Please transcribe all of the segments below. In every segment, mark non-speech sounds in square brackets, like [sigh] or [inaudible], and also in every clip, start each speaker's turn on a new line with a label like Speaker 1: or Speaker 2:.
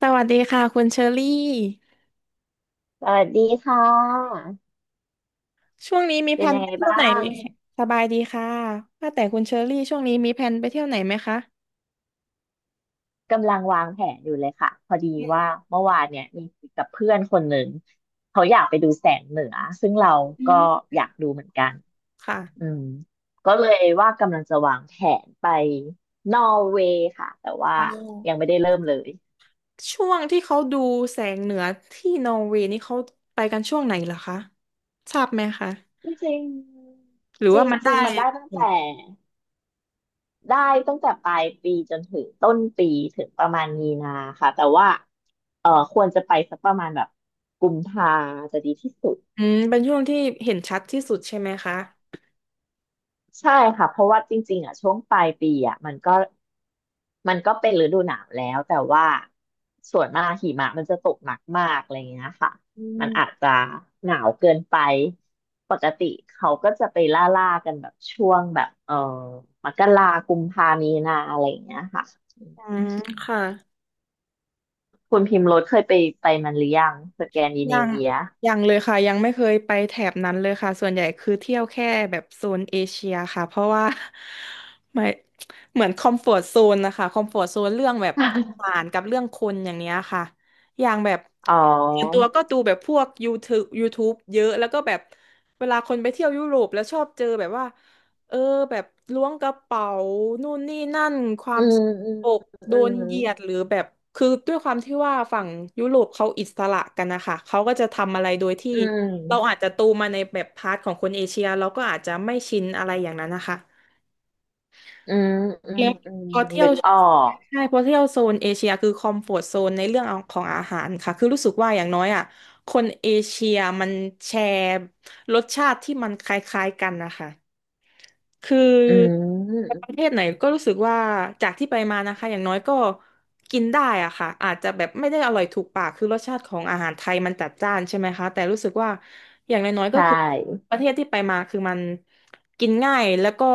Speaker 1: สวัสดีค่ะคุณเชอรี่
Speaker 2: สวัสดีค่ะ
Speaker 1: ช่วงนี้มีแผ
Speaker 2: เป็น
Speaker 1: น
Speaker 2: ยัง
Speaker 1: ไป
Speaker 2: ไง
Speaker 1: เที่ยว
Speaker 2: บ้า
Speaker 1: ไหนไห
Speaker 2: ง
Speaker 1: มสบายดีค่ะว่าแต่คุณเชอรี่ช่วงนี้มีแผนไปเที่ยวไหนไหมคะ
Speaker 2: กำลังวางแผนอยู่เลยค่ะ พอดีว่าเมื่อวานเนี่ยมีคุยกับเพื่อนคนหนึ่งเขาอยากไปดูแสงเหนือซึ่งเรา
Speaker 1: อื
Speaker 2: ก็
Speaker 1: ม
Speaker 2: อยากดูเหมือนกันอื
Speaker 1: ค่ะ
Speaker 2: มก็เลยว่ากำลังจะวางแผนไปนอร์เวย์ค่ะ แต่ว่า
Speaker 1: ว้าว
Speaker 2: ยังไม่ได้เริ่มเลย
Speaker 1: ช่วงที่เขาดูแสงเหนือที่นอร์เวย์นี่เขาไปกันช่วงไหนเหรอคะทราบไหมคะ
Speaker 2: จริง
Speaker 1: หรือ
Speaker 2: ๆจ
Speaker 1: ว่ามันได้
Speaker 2: ริงๆมันได้ตั้ง
Speaker 1: หม
Speaker 2: แต่
Speaker 1: ด
Speaker 2: ได้ตั้งแต่ปลายปีจนถึงต้นปีถึงประมาณมีนาค่ะแต่ว่าควรจะไปสักประมาณแบบกุมภาจะดีที่สุด
Speaker 1: อืมเป็นช่วงที่เห็นชัดที่สุดใช่ไหมคะ
Speaker 2: ใช่ค่ะเพราะว่าจริงๆอ่ะช่วงปลายปีอ่ะมันก็เป็นฤดูหนาวแล้วแต่ว่าส่วนมากหิมะมันจะตกหนักมากอะไรเงี้ยค่ะ
Speaker 1: อื
Speaker 2: มันอาจ
Speaker 1: ม
Speaker 2: จะหนาวเกินไปปกติเขาก็จะไปล่ากันแบบช่วงแบบมกรากุมภามีนาอะไรอย่างเงี้ยค่ะ
Speaker 1: อืมค่ะ
Speaker 2: คุณพิมพ์รถเคยไปมันหรือยังสแกนดิเน
Speaker 1: ยัง
Speaker 2: เวีย
Speaker 1: ยังเลยค่ะยังไม่เคยไปแถบนั้นเลยค่ะส่วนใหญ่คือเที่ยวแค่แบบโซนเอเชียค่ะเพราะว่า [laughs] ไม่เหมือนคอมฟอร์ z โซนนะคะคอมฟอร์ z โซนเรื่องแบบอาหา
Speaker 2: [laughs]
Speaker 1: รกับเรื่องคนอย่างเนี้ยค่ะอย่างแบบ
Speaker 2: อ๋อ
Speaker 1: ส่วนตัวก็ดูแบบพวก YouTube เยอะแล้วก็แบบเวลาคนไปเที่ยวยุโรปแล้วชอบเจอแบบว่า เออแบบล้วงกระเป๋านู่นนี่นั่นควา
Speaker 2: อื
Speaker 1: ม
Speaker 2: ม
Speaker 1: สก
Speaker 2: อืม
Speaker 1: ปรกโด
Speaker 2: อื
Speaker 1: นเหยียด
Speaker 2: ม
Speaker 1: หรือแบบคือด้วยความที่ว่าฝั่งยุโรปเขาอิสระกันนะคะเขาก็จะทำอะไรโดยที่
Speaker 2: อื
Speaker 1: เราอาจ
Speaker 2: ม
Speaker 1: จะโตมาในแบบพาร์ทของคนเอเชียเราก็อาจจะไม่ชินอะไรอย่างนั้นนะคะ
Speaker 2: อืมอืม
Speaker 1: แล้ว
Speaker 2: อืม
Speaker 1: พอเที่ย
Speaker 2: นึ
Speaker 1: ว
Speaker 2: กออก
Speaker 1: ใช่พอเที่ยวโซนเอเชียคือคอมฟอร์ z โซนในเรื่องของอาหารค่ะคือรู้สึกว่าอย่างน้อยอ่ะคนเอเชียมันแชร์รสชาติที่มันคล้ายๆกันนะคะ คือ
Speaker 2: อื
Speaker 1: ไป
Speaker 2: ม
Speaker 1: ประเทศไหนก็รู้สึกว่าจากที่ไปมานะคะอย่างน้อยก็กินได้อะค่ะอาจจะแบบไม่ได้อร่อยถูกปากคือรสชาติของอาหารไทยมันจัดจ้านใช่ไหมคะแต่รู้สึกว่าอย่างน้อยๆ
Speaker 2: ใช
Speaker 1: ก็คือป
Speaker 2: ่
Speaker 1: ระเทศที่ไปมาคือมันกินง่ายแล้วก็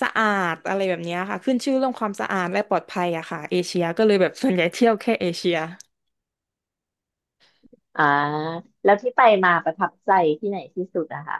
Speaker 1: สะอาดอะไรแบบเนี้ยค่ะขึ้นชื่อเรื่องความสะอาดและปลอดภัยอะค่ะเอเชียก็เลยแบบส่วนใหญ่เที่ยวแค่เอเชีย
Speaker 2: อ่าแล้วที่ไปมาประทับใจที่ไหนที่สุดอะคะ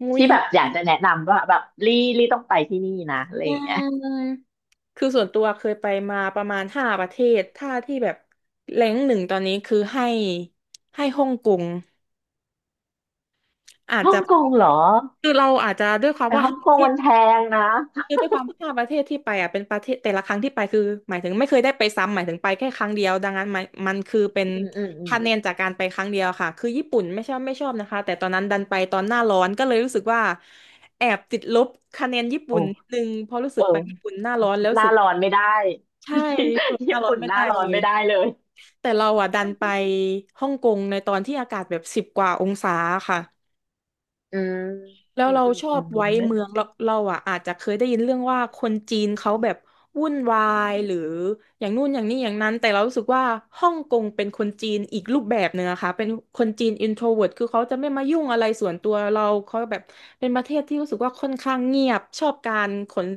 Speaker 1: มุ
Speaker 2: ที่
Speaker 1: ย
Speaker 2: แบบอยากจะแนะนำว่าแบบลี่ลี่ต้องไปที่นี่นะอะไร
Speaker 1: อื
Speaker 2: อย่างเงี้ย
Speaker 1: ม คือส่วนตัวเคยไปมาประมาณห้าประเทศถ้าที่แบบแรงกหนึ่งตอนนี้คือให้ฮ่องกงอาจ
Speaker 2: [laughs] ฮ่อ
Speaker 1: จะ
Speaker 2: งกงเหรอ
Speaker 1: คือเราอาจจะด้วยความ
Speaker 2: แต่
Speaker 1: ว่า
Speaker 2: ฮ่อง
Speaker 1: ห้า
Speaker 2: ก
Speaker 1: ประ
Speaker 2: ง
Speaker 1: เท
Speaker 2: มัน
Speaker 1: ศ
Speaker 2: แพงนะ
Speaker 1: คือด้วยความห้าประเทศที่ไปอ่ะเป็นประเทศแต่ละครั้งที่ไปคือหมายถึงไม่เคยได้ไปซ้ำหมายถึงไปแค่ครั้งเดียวดังนั้นมันคือเป็น
Speaker 2: อืม
Speaker 1: คะแนนจากการไปครั้งเดียวค่ะคือญี่ปุ่นไม่ชอบนะคะแต่ตอนนั้นดันไปตอนหน้าร้อนก็เลยรู้สึกว่าแอบติดลบคะแนนญี่
Speaker 2: โอ้
Speaker 1: ปุ่นนิดนึงเพราะรู้สึ
Speaker 2: เอ
Speaker 1: ก
Speaker 2: อ
Speaker 1: ไปญี่ปุ่นหน้าร้อนแล้ว
Speaker 2: ห
Speaker 1: รู้
Speaker 2: น้า
Speaker 1: สึก
Speaker 2: ร้อนไม่ได้
Speaker 1: ใช่รู้สึก
Speaker 2: [laughs]
Speaker 1: ห
Speaker 2: ญี่
Speaker 1: น้าร้อน
Speaker 2: ปุ่น
Speaker 1: ไม่
Speaker 2: หน้า
Speaker 1: ได้
Speaker 2: ร้อ
Speaker 1: เล
Speaker 2: น
Speaker 1: ย
Speaker 2: ไม่ได้เลย
Speaker 1: แต่เราอ่ะดันไปฮ่องกงในตอนที่อากาศแบบ10 กว่าองศาค่ะ
Speaker 2: อืม
Speaker 1: แล้ว
Speaker 2: อืม
Speaker 1: เรา
Speaker 2: อืม
Speaker 1: ชอ
Speaker 2: อื
Speaker 1: บไว้
Speaker 2: ม
Speaker 1: เมืองเราอ่ะอาจจะเคยได้ยินเรื่องว่าคนจีนเขาแบบวุ่นวายหรืออย่างนู่นอย่างนี้อย่างนั้นแต่เรารู้สึกว่าฮ่องกงเป็นคนจีนอีกรูปแบบหนึ่งอะคะเป็นคนจีนอินโทรเวิร์ t คือเขาจะไม่มายุ่งอะไรส่วนตัวเราเขาแบบเป็นประเทศที่รู้สึกว่าค่อนข้างเงียบชอบการขน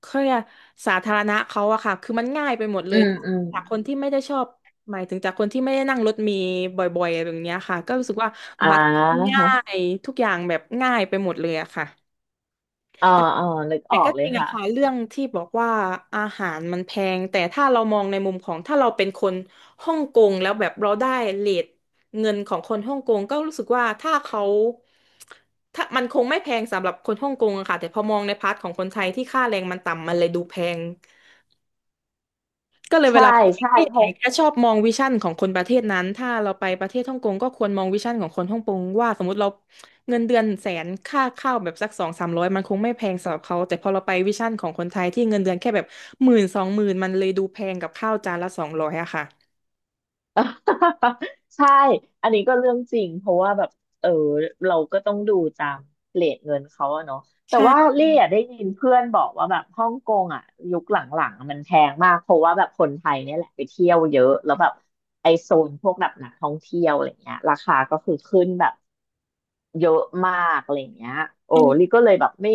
Speaker 1: เขาเนี่ยกสาธารณะเขาอะค่ะคือมันง่ายไปหมดเล
Speaker 2: อื
Speaker 1: ย
Speaker 2: มอืม
Speaker 1: จากคนที่ไม่ได้ชอบหมายถึงจากคนที่ไม่ได้นั่งรถเมีบ่อยๆอะไรแบบเนี้ยค่ะก็รู้สึกว่า
Speaker 2: อ่า
Speaker 1: บัสง่า
Speaker 2: ฮะ
Speaker 1: ยทุกอย่างแบบง่ายไปหมดเลยอะค่ะ
Speaker 2: อ๋อ
Speaker 1: แต่
Speaker 2: อ๋อนึก
Speaker 1: แต่
Speaker 2: ออ
Speaker 1: ก็
Speaker 2: กเล
Speaker 1: จ
Speaker 2: ย
Speaker 1: ริงอะ
Speaker 2: ค่ะ
Speaker 1: ค่ะเรื่องที่บอกว่าอาหารมันแพงแต่ถ้าเรามองในมุมของถ้าเราเป็นคนฮ่องกงแล้วแบบเราได้เรทเงินของคนฮ่องกงก็รู้สึกว่าถ้าเขาถ้ามันคงไม่แพงสำหรับคนฮ่องกงอะค่ะแต่พอมองในพาร์ทของคนไทยที่ค่าแรงมันต่ำมันเลยดูแพง ก็เลยเว
Speaker 2: ใช่
Speaker 1: ลาไปประ
Speaker 2: ใช่
Speaker 1: เทศ
Speaker 2: เพ
Speaker 1: ไหน
Speaker 2: ราะ
Speaker 1: ก็ชอบมองวิชั่นของคนประเทศนั้นถ้าเราไปประเทศฮ่องกงก็ควรมองวิชั่นของคนฮ่องกงว่าสมมติเราเงินเดือนแสนค่าข้าวแบบสักสองสามร้อยมันคงไม่แพงสำหรับเขาแต่พอเราไปวิชั่นของคนไทยที่เงินเดือนแค่แบบหมื่นสองหมื่นมันเลยดูแพงกับข้าวจานละ200อะค่ะ
Speaker 2: [laughs] ใช่ อันนี้ก็เรื่องจริงเพราะว่าแบบเออเราก็ต้องดูตามเรทเงินเขาอะเนาะแต่ว่า
Speaker 1: ใช่
Speaker 2: เรี่อะได้ยินเพื่อนบอกว่าแบบฮ่องกงอะยุคหลังๆอะมันแพงมากเพราะว่าแบบคนไทยเนี่ยแหละไปเที่ยวเยอะแล้วแบบไอโซนพวกแบบนักท่องเที่ยวอะไรเงี้ยราคาก็คือขึ้นแบบเยอะมากอะไรเงี้ยโอ้
Speaker 1: อันนี้
Speaker 2: ลี่ก็เลยแบบไม่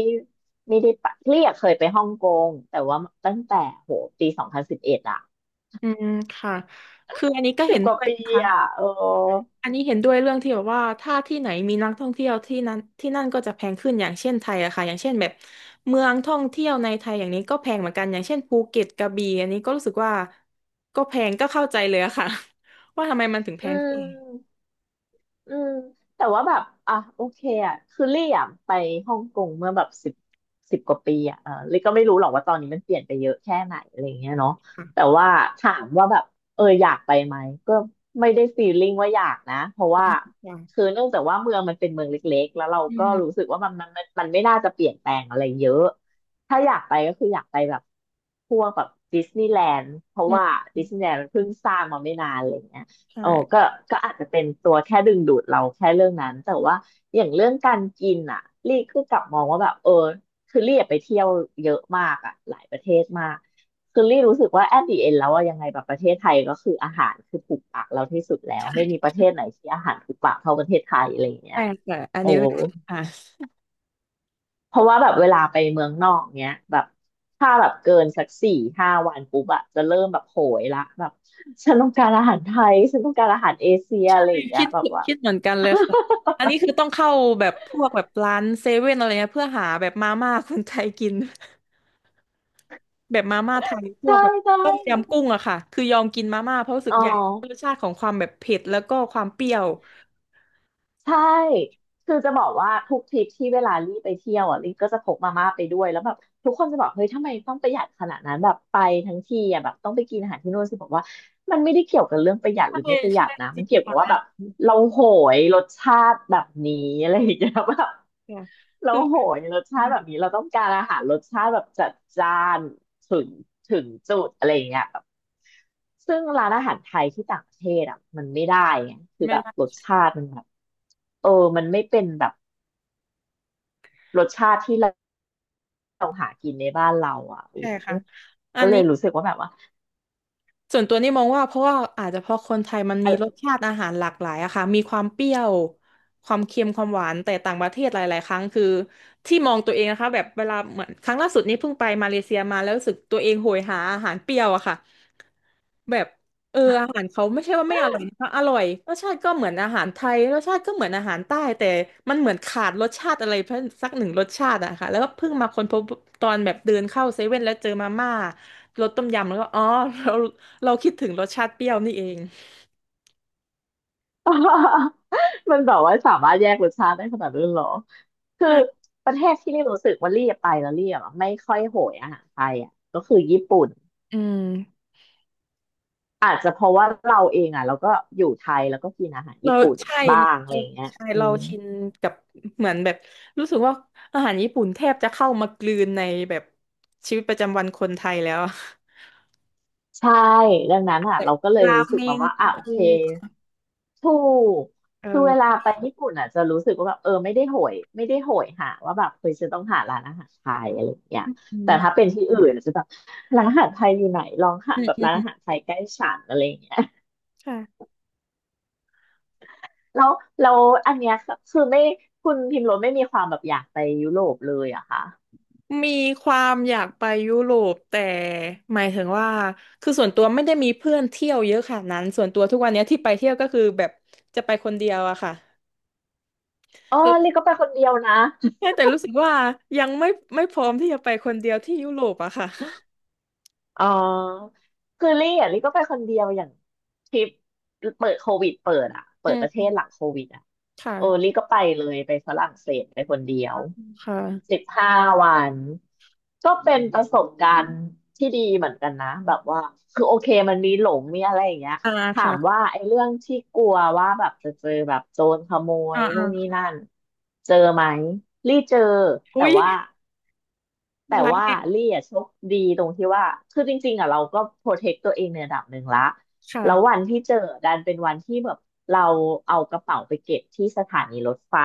Speaker 2: ไม่ได้ไปลี่อะเคยไปฮ่องกงแต่ว่าตั้งแต่โหปี2011อะ
Speaker 1: อืมค่ะคืออันนี้ก็
Speaker 2: สิ
Speaker 1: เห็
Speaker 2: บ
Speaker 1: น
Speaker 2: ก
Speaker 1: ด้
Speaker 2: ว่า
Speaker 1: วย
Speaker 2: ปี
Speaker 1: นะคะ
Speaker 2: อะเออ
Speaker 1: อันนี้เห็นด้วยเรื่องที่แบบว่าถ้าที่ไหนมีนักท่องเที่ยวที่นั้นที่นั่นก็จะแพงขึ้นอย่างเช่นไทยอะค่ะอย่างเช่นแบบเมืองท่องเที่ยวในไทยอย่างนี้ก็แพงเหมือนกันอย่างเช่นภูเก็ตกระบี่อันนี้ก็รู้สึกว่าก็แพงก็เข้าใจเลยอะค่ะ [laughs] ว่าทำไมมันถึงแพ
Speaker 2: อื
Speaker 1: งขึ้น
Speaker 2: มอืมแต่ว่าแบบอ่ะโอเคอ่ะคือลี่อ่ะไปฮ่องกงเมื่อแบบสิบกว่าปีอ่ะเออลี่ก็ไม่รู้หรอกว่าตอนนี้มันเปลี่ยนไปเยอะแค่ไหนอะไรเงี้ยเนาะ
Speaker 1: ค่ะ
Speaker 2: แต่ว่าถามว่าแบบอยากไปไหมก็ไม่ได้ฟีลลิ่งว่าอยากนะเพราะว่า
Speaker 1: ค่ะ
Speaker 2: คือเนื่องจากว่าเมืองมันเป็นเมืองเล็กๆแล้วเรา
Speaker 1: อื
Speaker 2: ก็รู้
Speaker 1: ม
Speaker 2: สึกว่ามันไม่น่าจะเปลี่ยนแปลงอะไรเยอะถ้าอยากไปก็คืออยากไปแบบพวกแบบดิสนีย์แลนด์เพราะ
Speaker 1: อื
Speaker 2: ว่าดิส
Speaker 1: ม
Speaker 2: นีย์แลนด์มันเพิ่งสร้างมาไม่นานอะไรเงี้ย
Speaker 1: ใช่
Speaker 2: โอ้ก็ก็อาจจะเป็นตัวแค่ดึงดูดเราแค่เรื่องนั้นแต่ว่าอย่างเรื่องการกินอ่ะลี่ก็กลับมองว่าแบบคือลี่อะไปเที่ยวเยอะมากอ่ะหลายประเทศมากคือลี่รู้สึกว่า at the end แล้วอะยังไงแบบประเทศไทยก็คืออาหารคือถูกปากเราที่สุดแล้วไม่มีประเทศไหนที่อาหารถูกปากเท่าประเทศไทยอะไรอย่างเงี้ย
Speaker 1: แต่อัน
Speaker 2: โอ้
Speaker 1: นี้เลยค่ะ
Speaker 2: เพราะว่าแบบเวลาไปเมืองนอกเนี้ยแบบถ้าแบบเกินสักสี่ห้าวันปุ๊บอะจะเริ่มแบบโหยละแบบฉันต้องการอาหารไทยฉันต้องการอาหารเอเชียอะไรอย่างเงี้
Speaker 1: คิ
Speaker 2: ย
Speaker 1: ด
Speaker 2: แบบว่า
Speaker 1: คิดเหมือนกันเลยค่ะอันนี้คือต้องเข้าแบบพวกแบบร้านเซเว่นอะไรเงี้ยเพื่อหาแบบมาม่าคนไทยกิน แบบมาม่าไทย
Speaker 2: [laughs]
Speaker 1: พวก
Speaker 2: ใช่
Speaker 1: แบบ
Speaker 2: ใช่
Speaker 1: ต้มยำกุ้งอะค่ะคือยอมกินมาม่าเพราะรู้สึ
Speaker 2: อ๋
Speaker 1: ก
Speaker 2: อ
Speaker 1: อยากชาติของความแบบเผ็ดแล้วก็ความเปรี้ยว
Speaker 2: ใช่คือจะบอกว่าทุกทริปที่เวลาลี่ไปเที่ยวอ่ะลี่ก็จะพกมาม่าไปด้วยแล้วแบบทุกคนจะบอกเฮ้ยทำไมต้องประหยัดขนาดนั้นแบบไปทั้งทีอ่ะแบบต้องไปกินอาหารที่โนู่นสิบอกว่ามันไม่ได้เกี่ยวกับเรื่องประหยัดห
Speaker 1: ใช่
Speaker 2: รือไม่ประหยั
Speaker 1: ใช่
Speaker 2: ดนะ
Speaker 1: จ
Speaker 2: มั
Speaker 1: ริ
Speaker 2: น
Speaker 1: ง
Speaker 2: เกี่ยวกั
Speaker 1: ค่ะ
Speaker 2: บว่าแบบเราโหยรสชาติแบบนี้อะไรอย่างเงี้ยแบบ
Speaker 1: ค่ะ
Speaker 2: แล้
Speaker 1: คื
Speaker 2: ว
Speaker 1: อ
Speaker 2: โหยรสชาติแบบนี้เราต้องการอาหารรสชาติแบบจัดจ้านถึงถึงจุดอะไรอย่างเงี้ยแบบซึ่งร้านอาหารไทยที่ต่างประเทศอ่ะมันไม่ได้ไงคือ
Speaker 1: ไม่
Speaker 2: แบบ
Speaker 1: ได้
Speaker 2: รสชาติมันแบบเออมันไม่เป็นแบบรสชาติที่เราหากินในบ้านเราอ่ะโอ้
Speaker 1: ใช่ค่ะอั
Speaker 2: ก็
Speaker 1: น
Speaker 2: เล
Speaker 1: นี้
Speaker 2: ยรู้สึกว่าแบบว่า
Speaker 1: ส่วนตัวนี่มองว่าเพราะว่าอาจจะเพราะคนไทยมันมี
Speaker 2: อะ
Speaker 1: รสชาติอาหารหลากหลายอะค่ะมีความเปรี้ยวความเค็มความหวานแต่ต่างประเทศหลายๆครั้งคือที่มองตัวเองนะคะแบบเวลาเหมือนครั้งล่าสุดนี้เพิ่งไปมาเลเซียมาแล้วรู้สึกตัวเองโหยหาอาหารเปรี้ยวอะค่ะ แบบอาหารเขาไม่ใช่ว่าไม่อร่อยนะคะอร่อยรสชาติก็เหมือนอาหารไทยรสชาติก็เหมือนอาหารใต้แต่มันเหมือนขาดรสชาติอะไรเพิ่มสักหนึ่งรสชาติอะค่ะแล้วก็เพิ่งมาค้นพบตอนแบบเดินเข้าเซเว่นแล้วเจอมาม่ารสต้มยำแล้วก็อ๋อเราเราคิดถึงรสชาติเปรี้ยวนี่เอง
Speaker 2: [laughs] มันแบบว่าสามารถแยกรสชาติได้ขนาดนั้นเหรอคือ
Speaker 1: ใช่
Speaker 2: ประเทศที่รีรู้สึกว่ารีไปแล้วรีอะไม่ค่อยโหยอาหารไทยอ่ะก็คือญี่ปุ่น
Speaker 1: อืม
Speaker 2: อาจจะเพราะว่าเราเองอ่ะเราก็อยู่ไทยแล้วก็กินอาหาร
Speaker 1: เรา
Speaker 2: ญี่ปุ่น
Speaker 1: ใช่
Speaker 2: บ้างอะ
Speaker 1: เรา
Speaker 2: ไรอย่างเงี้ย
Speaker 1: ใช่
Speaker 2: อื
Speaker 1: เรา
Speaker 2: ม
Speaker 1: ชินกับเหมือนแบบรู้สึกว่าอาหารญี่ปุ่นแทบจะเข้ามากลืนในแบบชีวิตประจำวันคนไทยแล้วอะ
Speaker 2: ใช่ดังนั้นอ่ะเราก็เลย
Speaker 1: [laughs] รา
Speaker 2: รู้สึ
Speaker 1: เม
Speaker 2: กมา
Speaker 1: ง
Speaker 2: ว่าอ่ะโอ
Speaker 1: เอ
Speaker 2: เค
Speaker 1: อ
Speaker 2: ถูก
Speaker 1: เอ
Speaker 2: คือเวลา
Speaker 1: อ
Speaker 2: ไปญี่ปุ่นอ่ะจะรู้สึกว่าแบบเออไม่ได้โหยหาว่าแบบเคยจะต้องหาร้านอาหารไทยอะไรอย่างเงี้ย
Speaker 1: อื
Speaker 2: แต่
Speaker 1: ม
Speaker 2: ถ้าเป็นที่อื่นจะแบบร้านอาหารไทยอยู่ไหนลองหา
Speaker 1: อืม
Speaker 2: แบบ
Speaker 1: อื
Speaker 2: ร้าน
Speaker 1: ม
Speaker 2: อาหารไทยใกล้ฉันอะไรอย่างเงี้ย
Speaker 1: ค่ะ
Speaker 2: แล้วแล้วอันเนี้ยคือไม่คุณพิมพ์รสไม่มีความแบบอยากไปยุโรปเลยหอะคะ
Speaker 1: มีความอยากไปยุโรปแต่หมายถึงว่าคือส่วนตัวไม่ได้มีเพื่อนเที่ยวเยอะขนาดนั้นส่วนตัวทุกวันเนี้ยที่ไปเที่ยวก็คือแบบจะไปคนเดียวอะค่ะ
Speaker 2: อ๋อเรียกก็ไปคนเดียวนะ
Speaker 1: แค่แต่รู้สึกว่ายังไม่พร้อมที่จะไปคนเดียวที่ยุโรปอะค่ะ
Speaker 2: อ๋อคือลี่อ่ะลี่ก็ไปคนเดียวอย่างทริปเปิดโควิดเปิดอ่ะเปิ
Speaker 1: อื
Speaker 2: ดประเท
Speaker 1: ม
Speaker 2: ศหลังโควิดอ่ะโอ้ลี่
Speaker 1: ค่ะ
Speaker 2: ก็ไปเลยไปฝรั่งเศสไปคนเดียว
Speaker 1: ค่ะ
Speaker 2: 15 วันก็เป็นประสบการณ์ที่ดีเหมือนกันนะแบบว่าคือโอเคมันมีหลงมีอะไรอย่างเงี้ย
Speaker 1: อ่า
Speaker 2: ถาม
Speaker 1: ค่ะ
Speaker 2: ว่าไอ้เรื่องที่กลัวว่าแบบจะเจอแบบโจรขโม
Speaker 1: อ่า
Speaker 2: ยนู่นนี่
Speaker 1: อ่า
Speaker 2: นั่นเจอไหมลี่เจอแต่
Speaker 1: อุ้ย
Speaker 2: ว่า แต่
Speaker 1: ไล
Speaker 2: ว่า
Speaker 1: น์
Speaker 2: ลี่อะโชคดีตรงที่ว่าคือจริงๆอ่ะเราก็โปรเทคตัวเองในระดับหนึ่งละแล้ว
Speaker 1: ค่ะ
Speaker 2: วันที่เจอดันเป็นวันที่แบบเราเอากระเป๋าไปเก็บที่สถานีรถไฟ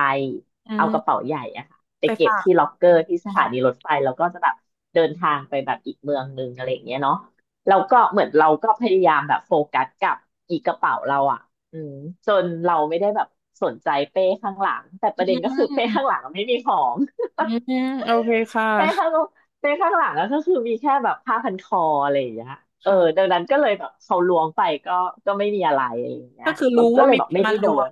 Speaker 1: อื
Speaker 2: เอากระเป๋า
Speaker 1: ม
Speaker 2: ใหญ่อะค่ะไป
Speaker 1: ไป
Speaker 2: เก็บ
Speaker 1: ฝาก
Speaker 2: ที่ล็อกเกอร์ที่สถานี
Speaker 1: ค่ะ
Speaker 2: รถไฟแล้วก็จะแบบเดินทางไปแบบอีกเมืองหนึงอะไรอย่างเงี้ยเนาะแล้วก็เหมือนเราก็พยายามแบบโฟกัสกับอีกกระเป๋าเราอะอืมจนเราไม่ได้แบบสนใจเป้ข้างหลังแต่ประเด็นก็คือเป้ข้างหลังอะไม่มีของ
Speaker 1: อืมอืมโอเคค
Speaker 2: เป้ข้า
Speaker 1: ่ะ
Speaker 2: งเป้ข้างหลังอะก็คือมีแค่แบบผ้าพันคออะไรอย่างเงี้ยเออดั
Speaker 1: ค่ะ
Speaker 2: งนั้นก็เลยแบบเขาล้วงไปก็ไม่มีอะไรอะไรอย่างเงี้
Speaker 1: ก็
Speaker 2: ย
Speaker 1: คือ
Speaker 2: เรา
Speaker 1: รู้
Speaker 2: ก็
Speaker 1: ว่า
Speaker 2: เลย
Speaker 1: มี
Speaker 2: แบ
Speaker 1: ค
Speaker 2: บ
Speaker 1: น
Speaker 2: ไม่
Speaker 1: มา
Speaker 2: ได้โด
Speaker 1: ล้วง
Speaker 2: น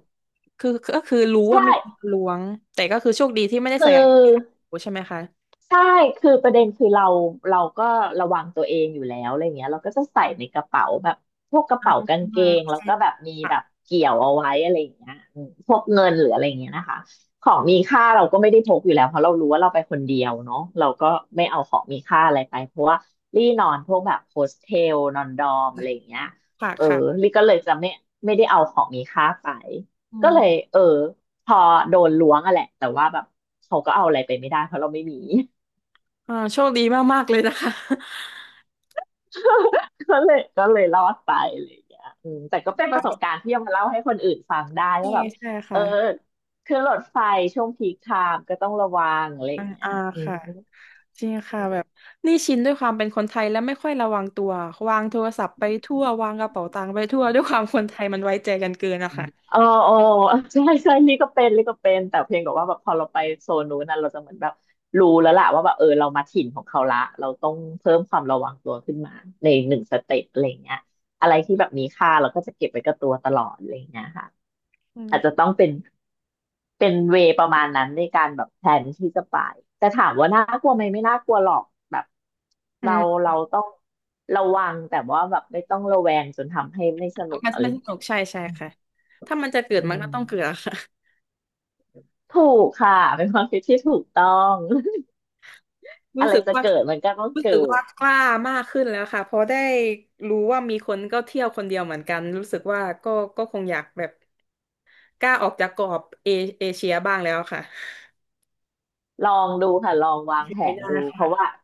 Speaker 1: คือก็คือรู้ว่า
Speaker 2: ใช่
Speaker 1: มีคนมาล้วงแต่ก็คือโชคดีที่ไม่ได้
Speaker 2: คือ
Speaker 1: ใส่กางเกงขาสั้นใช่ไหมคะ
Speaker 2: ใช่คือประเด็นคือเราก็ระวังตัวเองอยู่แล้วอะไรเงี้ยเราก็จะใส่ในกระเป๋าแบบพวกกระเป๋า
Speaker 1: อื
Speaker 2: กางเก
Speaker 1: ม
Speaker 2: งแล้ว
Speaker 1: ใช่
Speaker 2: ก็แบบมี
Speaker 1: ค่ะ
Speaker 2: แบบเกี่ยวเอาไว้อะไรอย่างเงี้ยพวกเงินหรืออะไรเงี้ยนะคะของมีค่าเราก็ไม่ได้พกอยู่แล้วเพราะเรารู้ว่าเราไปคนเดียวเนาะเราก็ไม่เอาของมีค่าอะไรไปเพราะว่ารี่นอนพวกแบบโฮสเทลนอนดอมอะไรอย่างเงี้ย
Speaker 1: ค่ะ
Speaker 2: เออ
Speaker 1: ค่ะ
Speaker 2: ลี่ก็เลยจะไม่ได้เอาของมีค่าไป
Speaker 1: อื
Speaker 2: ก็เลย
Speaker 1: ม
Speaker 2: เออพอโดนล้วงอะแหละแต่ว่าแบบเขาก็เอาอะไรไปไม่ได้เพราะเราไม่มี
Speaker 1: อ่าโชคดีมากๆเลยนะคะ
Speaker 2: [laughs] ก็เลยรอดไปอะไรอย่างเงี้ยแต่
Speaker 1: [laughs]
Speaker 2: ก็เป็นป
Speaker 1: ก็
Speaker 2: ระส
Speaker 1: แบ
Speaker 2: บ
Speaker 1: บ
Speaker 2: การณ์ที่เอามาเล่าให้คนอื่นฟังได้
Speaker 1: ใช่
Speaker 2: ว่าแบบ
Speaker 1: ใช่
Speaker 2: เอ
Speaker 1: ค่ะ
Speaker 2: อคือหรถไฟช่วงพีคไทม์ก็ต้องระวังอะไรอ
Speaker 1: อ่า
Speaker 2: ย่างเงี้ย
Speaker 1: อ่า
Speaker 2: อืม
Speaker 1: ค่ะ จริงค่ะแบบนี่ชินด้วยความเป็นคนไทยและไม่ค่อยระวังตัววางโทรศัพท์ไปทั่ววางกระเป๋าตังค์ไปทั่วด้วยความคนไทยมันไว้ใจกันเกินอะค่ะ
Speaker 2: เออเออ [laughs] ใช่ใช่นี่ก็เป็นแต่เพียงแต่ว่าแบบพอเราไปโซนนู้นน่ะเราจะเหมือนแบบรู้แล้วล่ะว่าแบบเออเรามาถิ่นของเขาละเราต้องเพิ่มความระวังตัวขึ้นมาในหนึ่งสเต็ปอะไรเงี้ยอะไรที่แบบมีค่าเราก็จะเก็บไว้กับตัวตลอดอะไรเงี้ยค่ะ
Speaker 1: อื
Speaker 2: อาจจะ
Speaker 1: ม
Speaker 2: ต้องเป็นเวย์ประมาณนั้นในการแบบแพลนที่จะไปแต่ถามว่าน่ากลัวไหมไม่น่ากลัวหรอกแบบ
Speaker 1: อื
Speaker 2: เรา
Speaker 1: ม
Speaker 2: เราต้องระวังแต่ว่าแบบไม่ต้องระแวงจนทำให้ไม่สนุก
Speaker 1: มัน
Speaker 2: อะไร
Speaker 1: มันสนุ
Speaker 2: เงี้ย
Speaker 1: กใช่ใช่ค่ะถ้ามันจะเกิด
Speaker 2: อื
Speaker 1: มัน
Speaker 2: ม
Speaker 1: ก็ต้องเกิดอะค่ะ
Speaker 2: ถูกค่ะเป็นความคิดที่ถูกต้อง [laughs]
Speaker 1: รู้
Speaker 2: อะไร
Speaker 1: สึก
Speaker 2: จะ
Speaker 1: ว่า
Speaker 2: เกิดมันก็ต้อง
Speaker 1: รู้
Speaker 2: เกิ
Speaker 1: สึกว่า
Speaker 2: ด
Speaker 1: กล้ามากขึ้นแล้วค่ะเพราะได้รู้ว่ามีคนก็เที่ยวคนเดียวเหมือนกันรู้สึกว่าก็ก็คงอยากแบบกล้าออกจากกรอบเอเชียบ้างแล้วค่ะ
Speaker 2: ลองดูค่ะลอง
Speaker 1: โอ
Speaker 2: วางแผ
Speaker 1: เค
Speaker 2: น
Speaker 1: ได้
Speaker 2: ดูเพราะว่า
Speaker 1: ค่ะ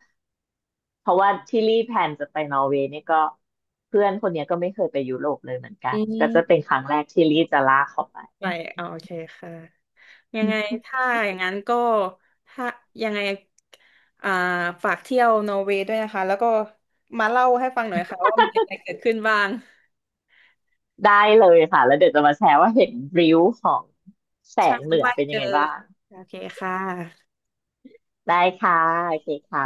Speaker 2: ที่รีแพลนจะไปนอร์เวย์เนี่ยก็เพื่อนคนเนี้ยก็ไม่เคยไปยุโรปเลยเหมือนกั
Speaker 1: อื
Speaker 2: นก็จะเป็น
Speaker 1: ม
Speaker 2: ครั้งแรกที่รีจะลากเขาไป
Speaker 1: ไปเอโอเคค่ะยังไงถ้าอย่างนั้นก็ถ้ายังไงอ่าฝากเที่ยวนอร์เวย์ด้วยนะคะแล้วก็มาเล่าให้ฟังหน่อยค่ะว่ามีอะไรเกิดขึ้นบ้าง
Speaker 2: ได้เลยค่ะแล้วเดี๋ยวจะมาแชร์ว่าเห็นริ้วของแส
Speaker 1: ใช่
Speaker 2: งเหนือ
Speaker 1: ว่า
Speaker 2: เป็น
Speaker 1: เจ
Speaker 2: ยั
Speaker 1: อ
Speaker 2: งไงบ้าง
Speaker 1: โอเคค่ะ
Speaker 2: ได้ค่ะโอเคค่ะ